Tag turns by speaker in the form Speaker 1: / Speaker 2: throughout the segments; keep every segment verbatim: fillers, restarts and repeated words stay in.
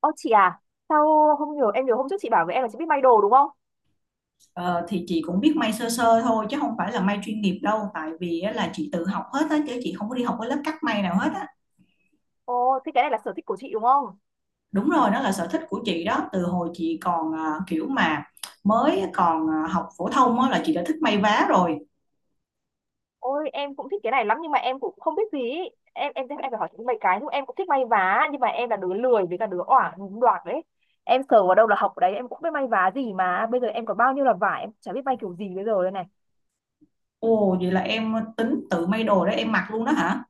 Speaker 1: Ô chị à, sao không hiểu? Em nhớ hôm trước chị bảo với em là chị biết may đồ đúng không?
Speaker 2: Ờ, thì chị cũng biết may sơ sơ thôi, chứ không phải là may chuyên nghiệp đâu, tại vì á, là chị tự học hết á, chứ chị không có đi học cái lớp cắt may nào hết á.
Speaker 1: Ồ, thế cái này là sở thích của chị đúng không?
Speaker 2: Đúng rồi, đó là sở thích của chị đó, từ hồi chị còn à, kiểu mà mới còn à, học phổ thông á, là chị đã thích may vá rồi.
Speaker 1: Ôi em cũng thích cái này lắm nhưng mà em cũng không biết gì. ý. Em em em phải hỏi chị mấy cái nhưng em cũng thích may vá nhưng mà em là đứa lười với cả đứa oải đoạt đấy. Em sờ vào đâu là học ở đấy, em cũng biết may vá gì mà bây giờ em có bao nhiêu là vải em chả biết may kiểu gì bây giờ đây này.
Speaker 2: Ồ, vậy là em tính tự may đồ để em mặc luôn đó hả?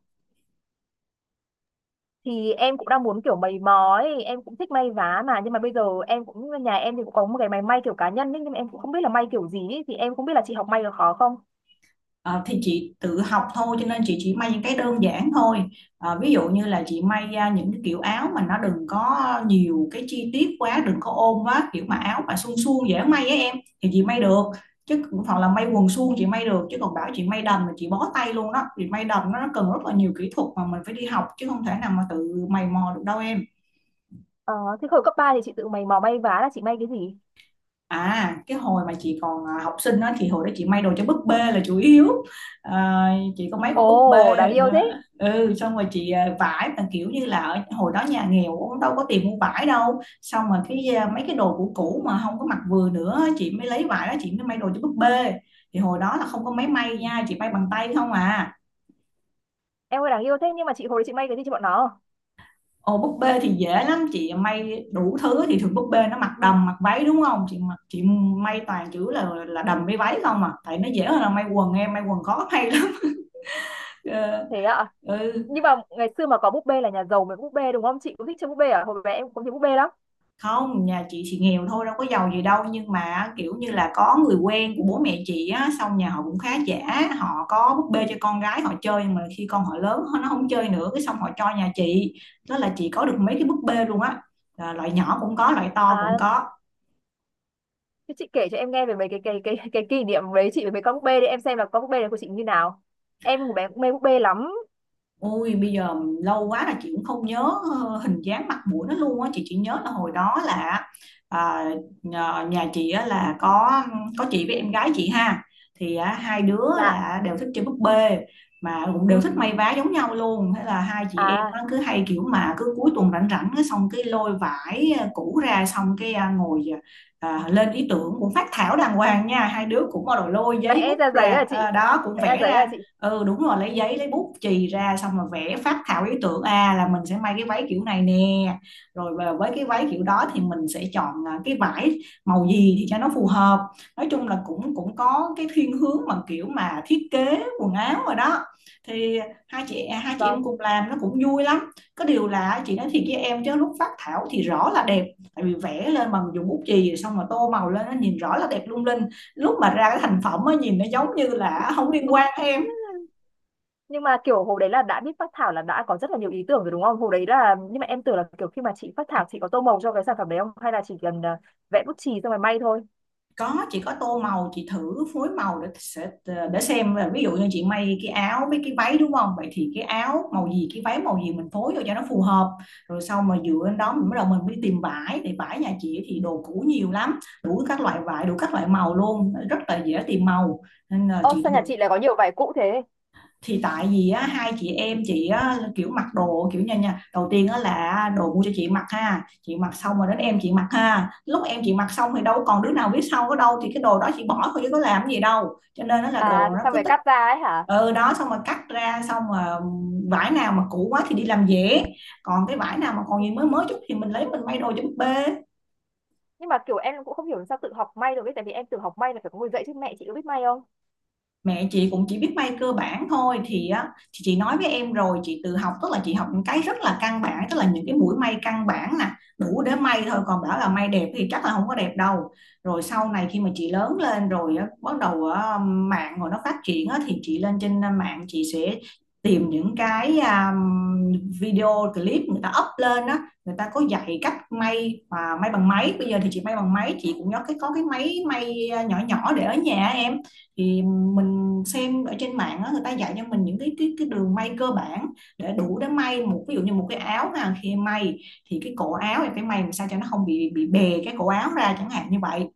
Speaker 1: Thì em cũng đang muốn kiểu mày mò ấy, em cũng thích may vá mà nhưng mà bây giờ em cũng nhà em thì cũng có một cái máy may kiểu cá nhân ấy, nhưng mà em cũng không biết là may kiểu gì ấy. Thì em không biết là chị học may được khó không?
Speaker 2: Ờ, thì chị tự học thôi, cho nên chị chỉ may những cái đơn giản thôi. Ờ, ví dụ như là chị may ra những cái kiểu áo mà nó đừng có nhiều cái chi tiết quá, đừng có ôm quá, kiểu mà áo mà suông suông dễ may á em, thì chị may được. Chứ hoặc là may quần suông chị may được, chứ còn bảo chị may đầm là chị bó tay luôn đó. Thì may đầm nó cần rất là nhiều kỹ thuật mà mình phải đi học, chứ không thể nào mà tự mày mò được đâu em.
Speaker 1: Ờ, Thế hồi cấp ba thì chị tự mày mò may vá là chị may cái gì?
Speaker 2: À, cái hồi mà chị còn à, học sinh đó, thì hồi đó chị may đồ cho búp bê là chủ yếu. À, chị có mấy con búp
Speaker 1: Ồ,
Speaker 2: bê
Speaker 1: đáng yêu
Speaker 2: đó.
Speaker 1: thế.
Speaker 2: Ừ, xong rồi chị à, vải mà kiểu như là ở hồi đó nhà nghèo cũng đâu có tiền mua vải đâu. Xong rồi cái à, mấy cái đồ cũ cũ mà không có mặc vừa nữa, chị mới lấy vải đó chị mới may đồ cho búp bê. Thì hồi đó là không có
Speaker 1: Ừ.
Speaker 2: máy may nha, chị may bằng tay không à.
Speaker 1: Em ơi đáng yêu thế nhưng mà chị hồi đấy chị may cái gì cho bọn nó?
Speaker 2: Ồ, búp bê thì dễ lắm, chị may đủ thứ. Thì thường búp bê nó mặc đầm mặc váy đúng không, chị mặc chị may toàn chữ là là đầm với váy không à, tại nó dễ hơn là may quần em, may quần khó may lắm Ờ,
Speaker 1: Thế ạ.
Speaker 2: ừ,
Speaker 1: Nhưng mà ngày xưa mà có búp bê là nhà giàu mới có búp bê đúng không? Chị cũng thích chơi búp bê à? Hồi bé em cũng thích búp bê lắm.
Speaker 2: không, nhà chị thì nghèo thôi đâu có giàu gì đâu, nhưng mà kiểu như là có người quen của bố mẹ chị á, xong nhà họ cũng khá giả, họ có búp bê cho con gái họ chơi, nhưng mà khi con họ lớn nó không chơi nữa, cái xong họ cho nhà chị. Đó là chị có được mấy cái búp bê luôn á. Ờ, loại nhỏ cũng có, loại to cũng
Speaker 1: À,
Speaker 2: có.
Speaker 1: thế chị kể cho em nghe về mấy cái cái cái cái kỷ niệm đấy chị với mấy con búp bê đi em xem là con búp bê này của chị như nào. Em hồi bé cũng mê búp bê lắm.
Speaker 2: Ôi bây giờ lâu quá là chị cũng không nhớ ờ, hình dáng mặt mũi nó luôn á. Chị chỉ nhớ là hồi đó là à, nhà nhà chị á, là có có chị với em gái chị ha, thì á, hai đứa
Speaker 1: Dạ.
Speaker 2: là đều thích chơi búp bê mà cũng đều thích may vá giống nhau luôn. Thế là hai chị em
Speaker 1: À,
Speaker 2: á, cứ hay kiểu mà cứ cuối tuần rảnh rảnh cái xong cái lôi vải à, cũ ra, xong cái à, ngồi ờ, à, lên ý tưởng, cũng phát thảo đàng hoàng nha, hai đứa cũng bắt đầu lôi giấy
Speaker 1: vẽ
Speaker 2: bút
Speaker 1: ra giấy
Speaker 2: ra,
Speaker 1: à
Speaker 2: à,
Speaker 1: chị?
Speaker 2: đó cũng
Speaker 1: Vẽ ra
Speaker 2: vẽ
Speaker 1: giấy à
Speaker 2: ra.
Speaker 1: chị?
Speaker 2: Ừ đúng rồi, lấy giấy lấy bút chì ra xong rồi vẽ phác thảo ý tưởng, à là mình sẽ may cái váy kiểu này nè, rồi về với cái váy kiểu đó thì mình sẽ chọn à, cái vải màu gì thì cho nó phù hợp. Nói chung là cũng cũng có cái thiên hướng mà kiểu mà thiết kế quần áo rồi đó. Thì hai chị à, hai chị em
Speaker 1: Vâng.
Speaker 2: cùng làm nó cũng vui lắm. Có điều là chị nói thiệt với em, chứ lúc phác thảo thì rõ là đẹp, tại vì vẽ lên bằng dùng bút chì xong rồi tô màu lên nó nhìn rõ là đẹp lung linh, lúc mà ra cái thành phẩm á nhìn nó giống như là không liên quan. Hay
Speaker 1: Nhưng mà kiểu hồi đấy là đã biết phác thảo là đã có rất là nhiều ý tưởng rồi đúng không hồi đấy là, nhưng mà em tưởng là kiểu khi mà chị phác thảo chị có tô màu cho cái sản phẩm đấy không hay là chỉ cần ờ, vẽ bút chì xong rồi may thôi.
Speaker 2: có, chị có tô màu, chị thử phối màu để sẽ ờ, để xem là ví dụ như chị may cái áo với cái váy đúng không, vậy thì cái áo màu gì cái váy màu gì mình phối vô cho nó phù hợp. Rồi sau mà dựa lên đó mình bắt đầu mình đi tìm vải. Thì vải nhà chị thì đồ cũ nhiều lắm, đủ các loại vải, đủ các loại màu luôn, rất là dễ tìm màu, nên là
Speaker 1: Ô
Speaker 2: chị
Speaker 1: sao nhà
Speaker 2: thường.
Speaker 1: chị lại có nhiều vải cũ thế?
Speaker 2: Thì tại vì á, hai chị em chị á, kiểu mặc đồ kiểu như nha, đầu tiên á, là đồ mua cho chị mặc ha, chị mặc xong rồi đến em chị mặc ha, lúc em chị mặc xong thì đâu còn đứa nào biết sau ở đâu, thì cái đồ đó chị bỏ thôi chứ có làm gì đâu, cho nên nó là đồ
Speaker 1: À
Speaker 2: nó
Speaker 1: sao
Speaker 2: cứ
Speaker 1: phải
Speaker 2: tích.
Speaker 1: cắt ra ấy hả?
Speaker 2: Ừ đó, xong rồi cắt ra, xong rồi vải nào mà cũ quá thì đi làm dễ, còn cái vải nào mà còn gì mới mới chút thì mình lấy mình may đồ cho búp bê.
Speaker 1: Nhưng mà kiểu em cũng không hiểu sao tự học may được ấy tại vì em tự học may là phải có người dạy chứ, mẹ chị có biết may không?
Speaker 2: Mẹ chị cũng chỉ biết may cơ bản thôi. Thì á, thì chị nói với em rồi, chị tự học tức là chị học những cái rất là căn bản, tức là những cái mũi may căn bản nè, đủ để may thôi, còn bảo là may đẹp thì chắc là không có đẹp đâu. Rồi sau này khi mà chị lớn lên rồi á, bắt đầu á, mạng rồi nó phát triển á, thì chị lên trên mạng chị sẽ tìm những cái à, video clip người ta up lên á, người ta có dạy cách may và may bằng máy. Bây giờ thì chị may bằng máy, chị cũng có cái có cái máy may ờ, nhỏ nhỏ để ở nhà em. Thì mình xem ở trên mạng á, người ta dạy cho mình những cái cái cái đường may cơ bản để đủ để may một, ví dụ như một cái áo ha, khi may thì cái cổ áo thì phải may làm sao cho nó không bị bị bè cái cổ áo ra chẳng hạn như vậy.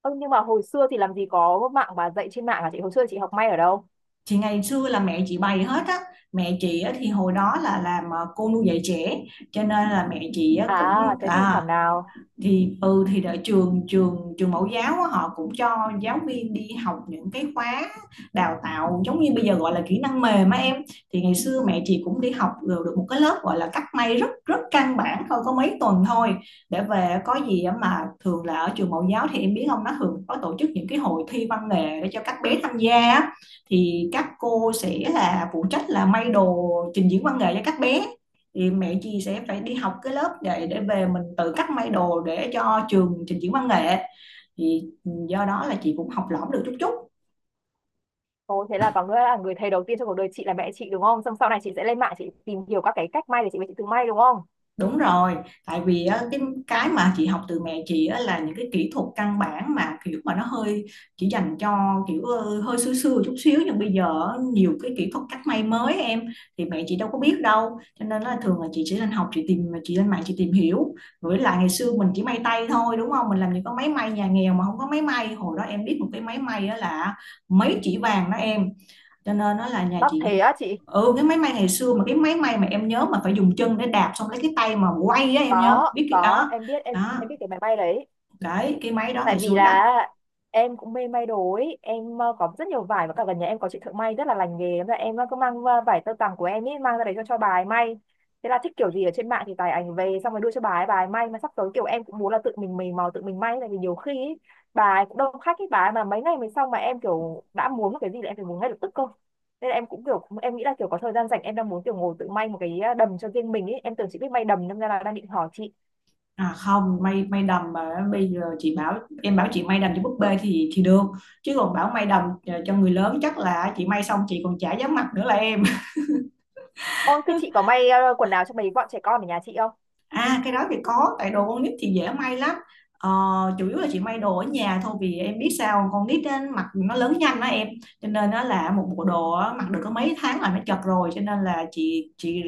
Speaker 1: Ơ nhưng mà hồi xưa thì làm gì có mạng mà dạy trên mạng à chị? Hồi xưa chị học may ở đâu?
Speaker 2: Thì ngày xưa là mẹ chị bày hết á. Mẹ chị á, thì hồi đó là làm ờ, cô nuôi dạy trẻ, cho nên là mẹ chị á, cũng
Speaker 1: À thế thì
Speaker 2: à,
Speaker 1: thảo nào.
Speaker 2: thì ừ, thì ở trường trường trường mẫu giáo á, họ cũng cho giáo viên đi học những cái khóa đào tạo giống như bây giờ gọi là kỹ năng mềm á em. Thì ngày xưa mẹ chị cũng đi học được được một cái lớp gọi là cắt may rất rất căn bản thôi, có mấy tuần thôi, để về có gì á. Mà thường là ở trường mẫu giáo thì em biết không, nó thường có tổ chức những cái hội thi văn nghệ để cho các bé tham gia á. Thì các cô sẽ là phụ trách là may đồ trình diễn văn nghệ cho các bé. Thì mẹ chị sẽ phải đi học cái lớp để để về mình tự cắt may đồ để cho trường trình diễn văn nghệ. Thì do đó là chị cũng học lỏm được chút chút.
Speaker 1: Ồ thế là có nghĩa là người thầy đầu tiên trong cuộc đời chị là mẹ chị đúng không? Xong sau này chị sẽ lên mạng chị tìm hiểu các cái cách may để chị về chị tự may đúng không?
Speaker 2: Đúng rồi, tại vì á, cái cái mà chị học từ mẹ chị á, là những cái kỹ thuật căn bản mà kiểu mà nó hơi chỉ dành cho kiểu ờ, hơi xưa xưa chút xíu, nhưng bây giờ á, nhiều cái kỹ thuật cắt may mới em, thì mẹ chị đâu có biết đâu, cho nên là thường là chị chỉ lên học, chị tìm chị lên mạng chị tìm hiểu. Với lại ngày xưa mình chỉ may tay thôi đúng không, mình làm những cái máy may, nhà nghèo mà không có máy may. Hồi đó em biết một cái máy may á là mấy chỉ vàng đó em, cho nên nó là nhà
Speaker 1: Đắt
Speaker 2: chị.
Speaker 1: thế á chị?
Speaker 2: Ừ, cái máy may ngày xưa, mà cái máy may mà em nhớ mà phải dùng chân để đạp xong lấy cái tay mà quay á, em nhớ
Speaker 1: có
Speaker 2: biết cái
Speaker 1: có
Speaker 2: đó
Speaker 1: em biết, em
Speaker 2: đó.
Speaker 1: em biết cái máy bay đấy.
Speaker 2: Đấy, cái máy đó
Speaker 1: Tại
Speaker 2: ngày
Speaker 1: vì
Speaker 2: xưa đắt.
Speaker 1: là em cũng mê may đồ ấy em, ờ, có rất nhiều vải và cả gần nhà em có chị thợ may rất là lành nghề. Thế là em, ờ, cứ mang ờ, vải tơ tằm của em ấy mang ra đấy cho cho bà ấy may, thế là thích kiểu gì ở trên mạng thì tải ảnh về xong rồi đưa cho bà ấy bà ấy may. Mà sắp tới kiểu em cũng muốn là tự mình mày mò tự mình may tại vì nhiều khi ấy, bà ấy cũng đông khách ấy, bà ấy mà mấy ngày mới xong mà em kiểu đã muốn một cái gì là em phải muốn ngay lập tức cơ. Nên là em cũng kiểu em nghĩ là kiểu có thời gian rảnh em đang muốn kiểu ngồi tự may một cái ờ, đầm cho riêng mình ấy, em tưởng chị biết may đầm nên ra là đang định hỏi chị.
Speaker 2: À không, may may đầm mà bây giờ chị bảo, em bảo chị may đầm cho búp bê thì thì được, chứ còn bảo may đầm cho cho người lớn chắc là chị may xong chị còn chả dám mặc nữa là em.
Speaker 1: Ôi, thế chị có may ờ, quần áo cho mấy bọn trẻ con ở nhà chị không?
Speaker 2: À cái đó thì có, tại đồ con nít thì dễ may lắm. Ờ, chủ yếu là chị may đồ ở nhà thôi, vì em biết sao, con nít á, mặc nó lớn nhanh đó em, cho nên nó là một bộ đồ á, mặc được có mấy tháng là nó chật rồi, cho nên là chị chị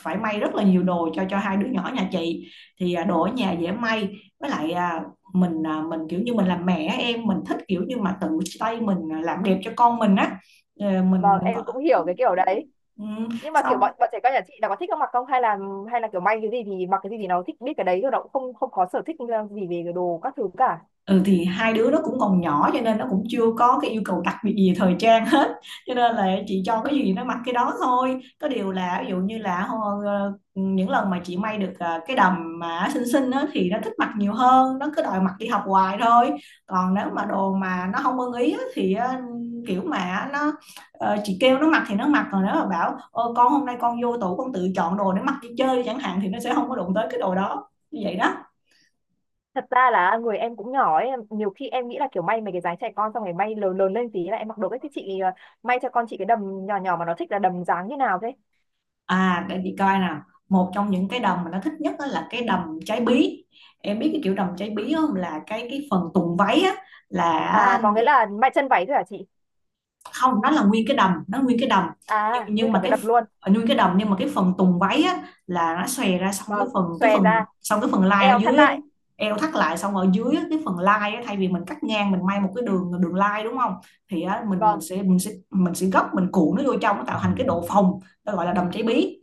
Speaker 2: phải may rất là nhiều đồ cho cho hai đứa nhỏ nhà chị. Thì à, đồ ở nhà dễ may. Với lại à, mình à, mình kiểu như mình làm mẹ á em, mình thích kiểu như mà tự tay mình à, làm đẹp cho con mình á. Ờ, mình
Speaker 1: Vâng
Speaker 2: mình có
Speaker 1: em cũng hiểu cái kiểu đấy.
Speaker 2: ừ,
Speaker 1: Nhưng mà kiểu
Speaker 2: xong.
Speaker 1: bọn bọn trẻ con nhà chị là có thích ăn mặc không, hay là, hay là kiểu may cái gì thì mặc cái gì thì nó thích biết cái đấy thôi nó cũng không không có sở thích ờ, gì về cái đồ các thứ cả?
Speaker 2: Ừ. Thì hai đứa nó cũng còn nhỏ cho nên nó cũng chưa có cái yêu cầu đặc biệt gì về thời trang hết. Cho nên là chị cho cái gì nó mặc cái đó thôi, có điều là ví dụ như là ho- ờ, những lần mà chị may được ờ, cái đầm mà xinh xinh á thì nó thích mặc nhiều hơn, nó cứ đòi mặc đi học hoài thôi. Còn nếu mà đồ mà nó không ưng ý á, thì ờ, kiểu mà nó ờ, chị kêu nó mặc thì nó mặc, còn nếu mà bảo ôi, con hôm nay con vô tủ con tự chọn đồ để mặc đi chơi chẳng hạn thì nó sẽ không có đụng tới cái đồ đó, như vậy đó.
Speaker 1: Thật ra là người em cũng nhỏ ấy, nhiều khi em nghĩ là kiểu may mấy cái dáng trẻ con xong rồi may lớn lớn lên tí là em mặc đồ ấy, thì chị ờ, may cho con chị cái đầm nhỏ nhỏ mà nó thích là đầm dáng như nào thế?
Speaker 2: À, để chị coi nào. Một trong những cái đầm mà nó thích nhất á là cái đầm trái bí. Em biết cái kiểu đầm trái bí không, là cái cái phần tùng váy á
Speaker 1: À
Speaker 2: là
Speaker 1: có nghĩa là may chân váy thôi hả chị?
Speaker 2: không, nó là nguyên cái đầm, nó nguyên cái đầm, nhưng
Speaker 1: À
Speaker 2: nhưng
Speaker 1: nguyên cả
Speaker 2: mà
Speaker 1: cái
Speaker 2: cái
Speaker 1: đầm
Speaker 2: ph-
Speaker 1: luôn.
Speaker 2: à, nguyên cái đầm nhưng mà cái phần tùng váy á là nó xòe ra, xong cái
Speaker 1: Vâng
Speaker 2: phần cái
Speaker 1: xòe
Speaker 2: phần
Speaker 1: ra.
Speaker 2: xong cái phần lai
Speaker 1: Eo
Speaker 2: ở
Speaker 1: thắt
Speaker 2: dưới á,
Speaker 1: lại.
Speaker 2: eo thắt lại, xong ở dưới á, cái phần lai á, thay vì mình cắt ngang mình may một cái đường đường lai đúng không, thì á, mình mình
Speaker 1: Vâng.
Speaker 2: sẽ mình sẽ mình sẽ gấp, mình cuộn nó vô trong, nó tạo thành cái độ phồng. Nó gọi là đầm trái bí.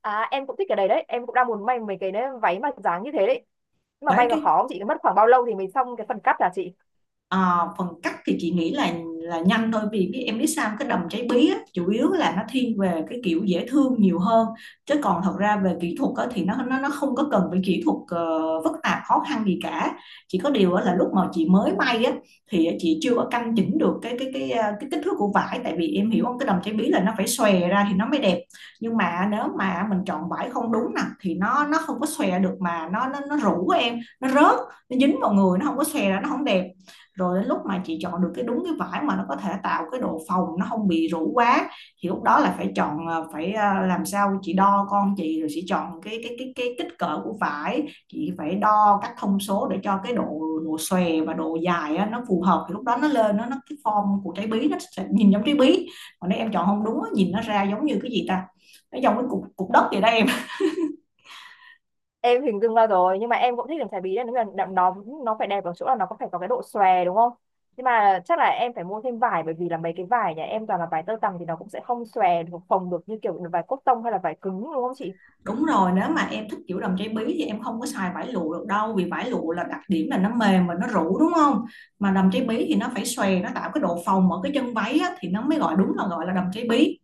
Speaker 1: À em cũng thích cái đấy đấy, em cũng đang muốn may mấy cái đấy, váy mà dáng như thế đấy. Nhưng mà
Speaker 2: Đấy
Speaker 1: may là
Speaker 2: cái
Speaker 1: khó không chị, mất khoảng bao lâu thì mình xong cái phần cắt là chị?
Speaker 2: Ờ, phần cắt thì chị nghĩ là là nhanh thôi, vì biết em biết sao, cái đầm cháy bí á, chủ yếu là nó thiên về cái kiểu dễ thương nhiều hơn, chứ còn thật ra về kỹ thuật á, thì nó nó nó không có cần phải kỹ thuật ờ, phức tạp khó khăn gì cả. Chỉ có điều á, là lúc mà chị mới may á, thì chị chưa có căn chỉnh được cái cái cái ờ, cái kích thước của vải, tại vì em hiểu không, cái đầm cháy bí là nó phải xòe ra thì nó mới đẹp. Nhưng mà nếu mà mình chọn vải không đúng nè thì nó nó không có xòe được, mà nó nó nó rũ em, nó rớt, nó dính vào người, nó không có xòe ra, nó không đẹp. Rồi đến lúc mà chị chọn được cái đúng cái vải mà nó có thể tạo cái độ phồng, nó không bị rũ quá, thì lúc đó là phải chọn ờ, phải ờ, làm sao chị đo con chị, rồi chị chọn cái cái cái cái kích cỡ của vải. Chị phải đo các thông số để cho cái độ, độ xòe và độ dài á, nó phù hợp, thì lúc đó nó lên nó nó cái form của trái bí nó sẽ nhìn giống trái bí. Còn nếu em chọn không đúng nhìn nó ra giống như cái gì ta, nó giống cái cục cục đất vậy đây em.
Speaker 1: Em hình dung ra rồi, nhưng mà em cũng thích làm chải bí đấy, nó là nó nó phải đẹp ở chỗ là nó có phải có cái độ xòe đúng không? Nhưng mà chắc là em phải mua thêm vải bởi vì là mấy cái vải nhà em toàn là vải tơ tằm thì nó cũng sẽ không xòe được, phồng được như kiểu vải cotton hay là vải cứng đúng không chị?
Speaker 2: Đúng rồi, nếu mà em thích kiểu đầm cháy bí thì em không có xài vải lụa được đâu, vì vải lụa là đặc điểm là nó mềm và nó rũ đúng không? Mà đầm cháy bí thì nó phải xòe, nó tạo cái độ phồng ở cái chân váy á, thì nó mới gọi đúng là gọi là đầm cháy bí.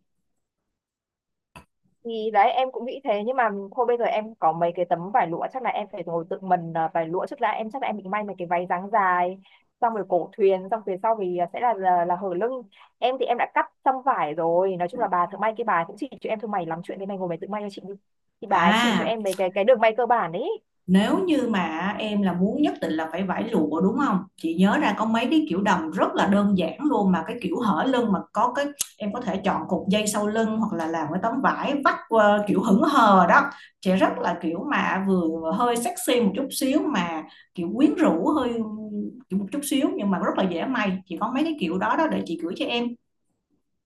Speaker 1: Thì đấy em cũng nghĩ thế, nhưng mà thôi bây giờ em có mấy cái tấm vải lụa chắc là em phải ngồi tự mình, à, vải lụa trước đã, em chắc là em định may mấy cái váy dáng dài xong rồi cổ thuyền, xong phía sau thì à, sẽ là là, là hở lưng. Em thì em đã cắt xong vải rồi, nói chung là bà thợ may kia bà cũng chỉ cho em thôi mày lắm chuyện thế này ngồi mày tự may cho chị đi, thì bà ấy chỉ cho
Speaker 2: À,
Speaker 1: em mấy cái cái đường may cơ bản ấy.
Speaker 2: nếu như mà em là muốn nhất định là phải vải lụa đúng không? Chị nhớ ra có mấy cái kiểu đầm rất là đơn giản luôn, mà cái kiểu hở lưng mà có cái em có thể chọn cục dây sau lưng, hoặc là làm cái tấm vải vắt qua kiểu hững hờ đó. Chị rất là kiểu mà vừa hơi sexy một chút xíu, mà kiểu quyến rũ hơi kiểu một chút xíu, nhưng mà rất là dễ may. Chị có mấy cái kiểu đó đó để chị gửi cho em.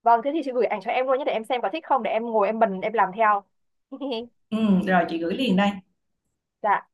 Speaker 1: Vâng thế thì chị gửi ảnh cho em luôn nhé để em xem có thích không để em ngồi em bần em làm theo.
Speaker 2: Ừ, rồi chị gửi liền đây.
Speaker 1: Dạ.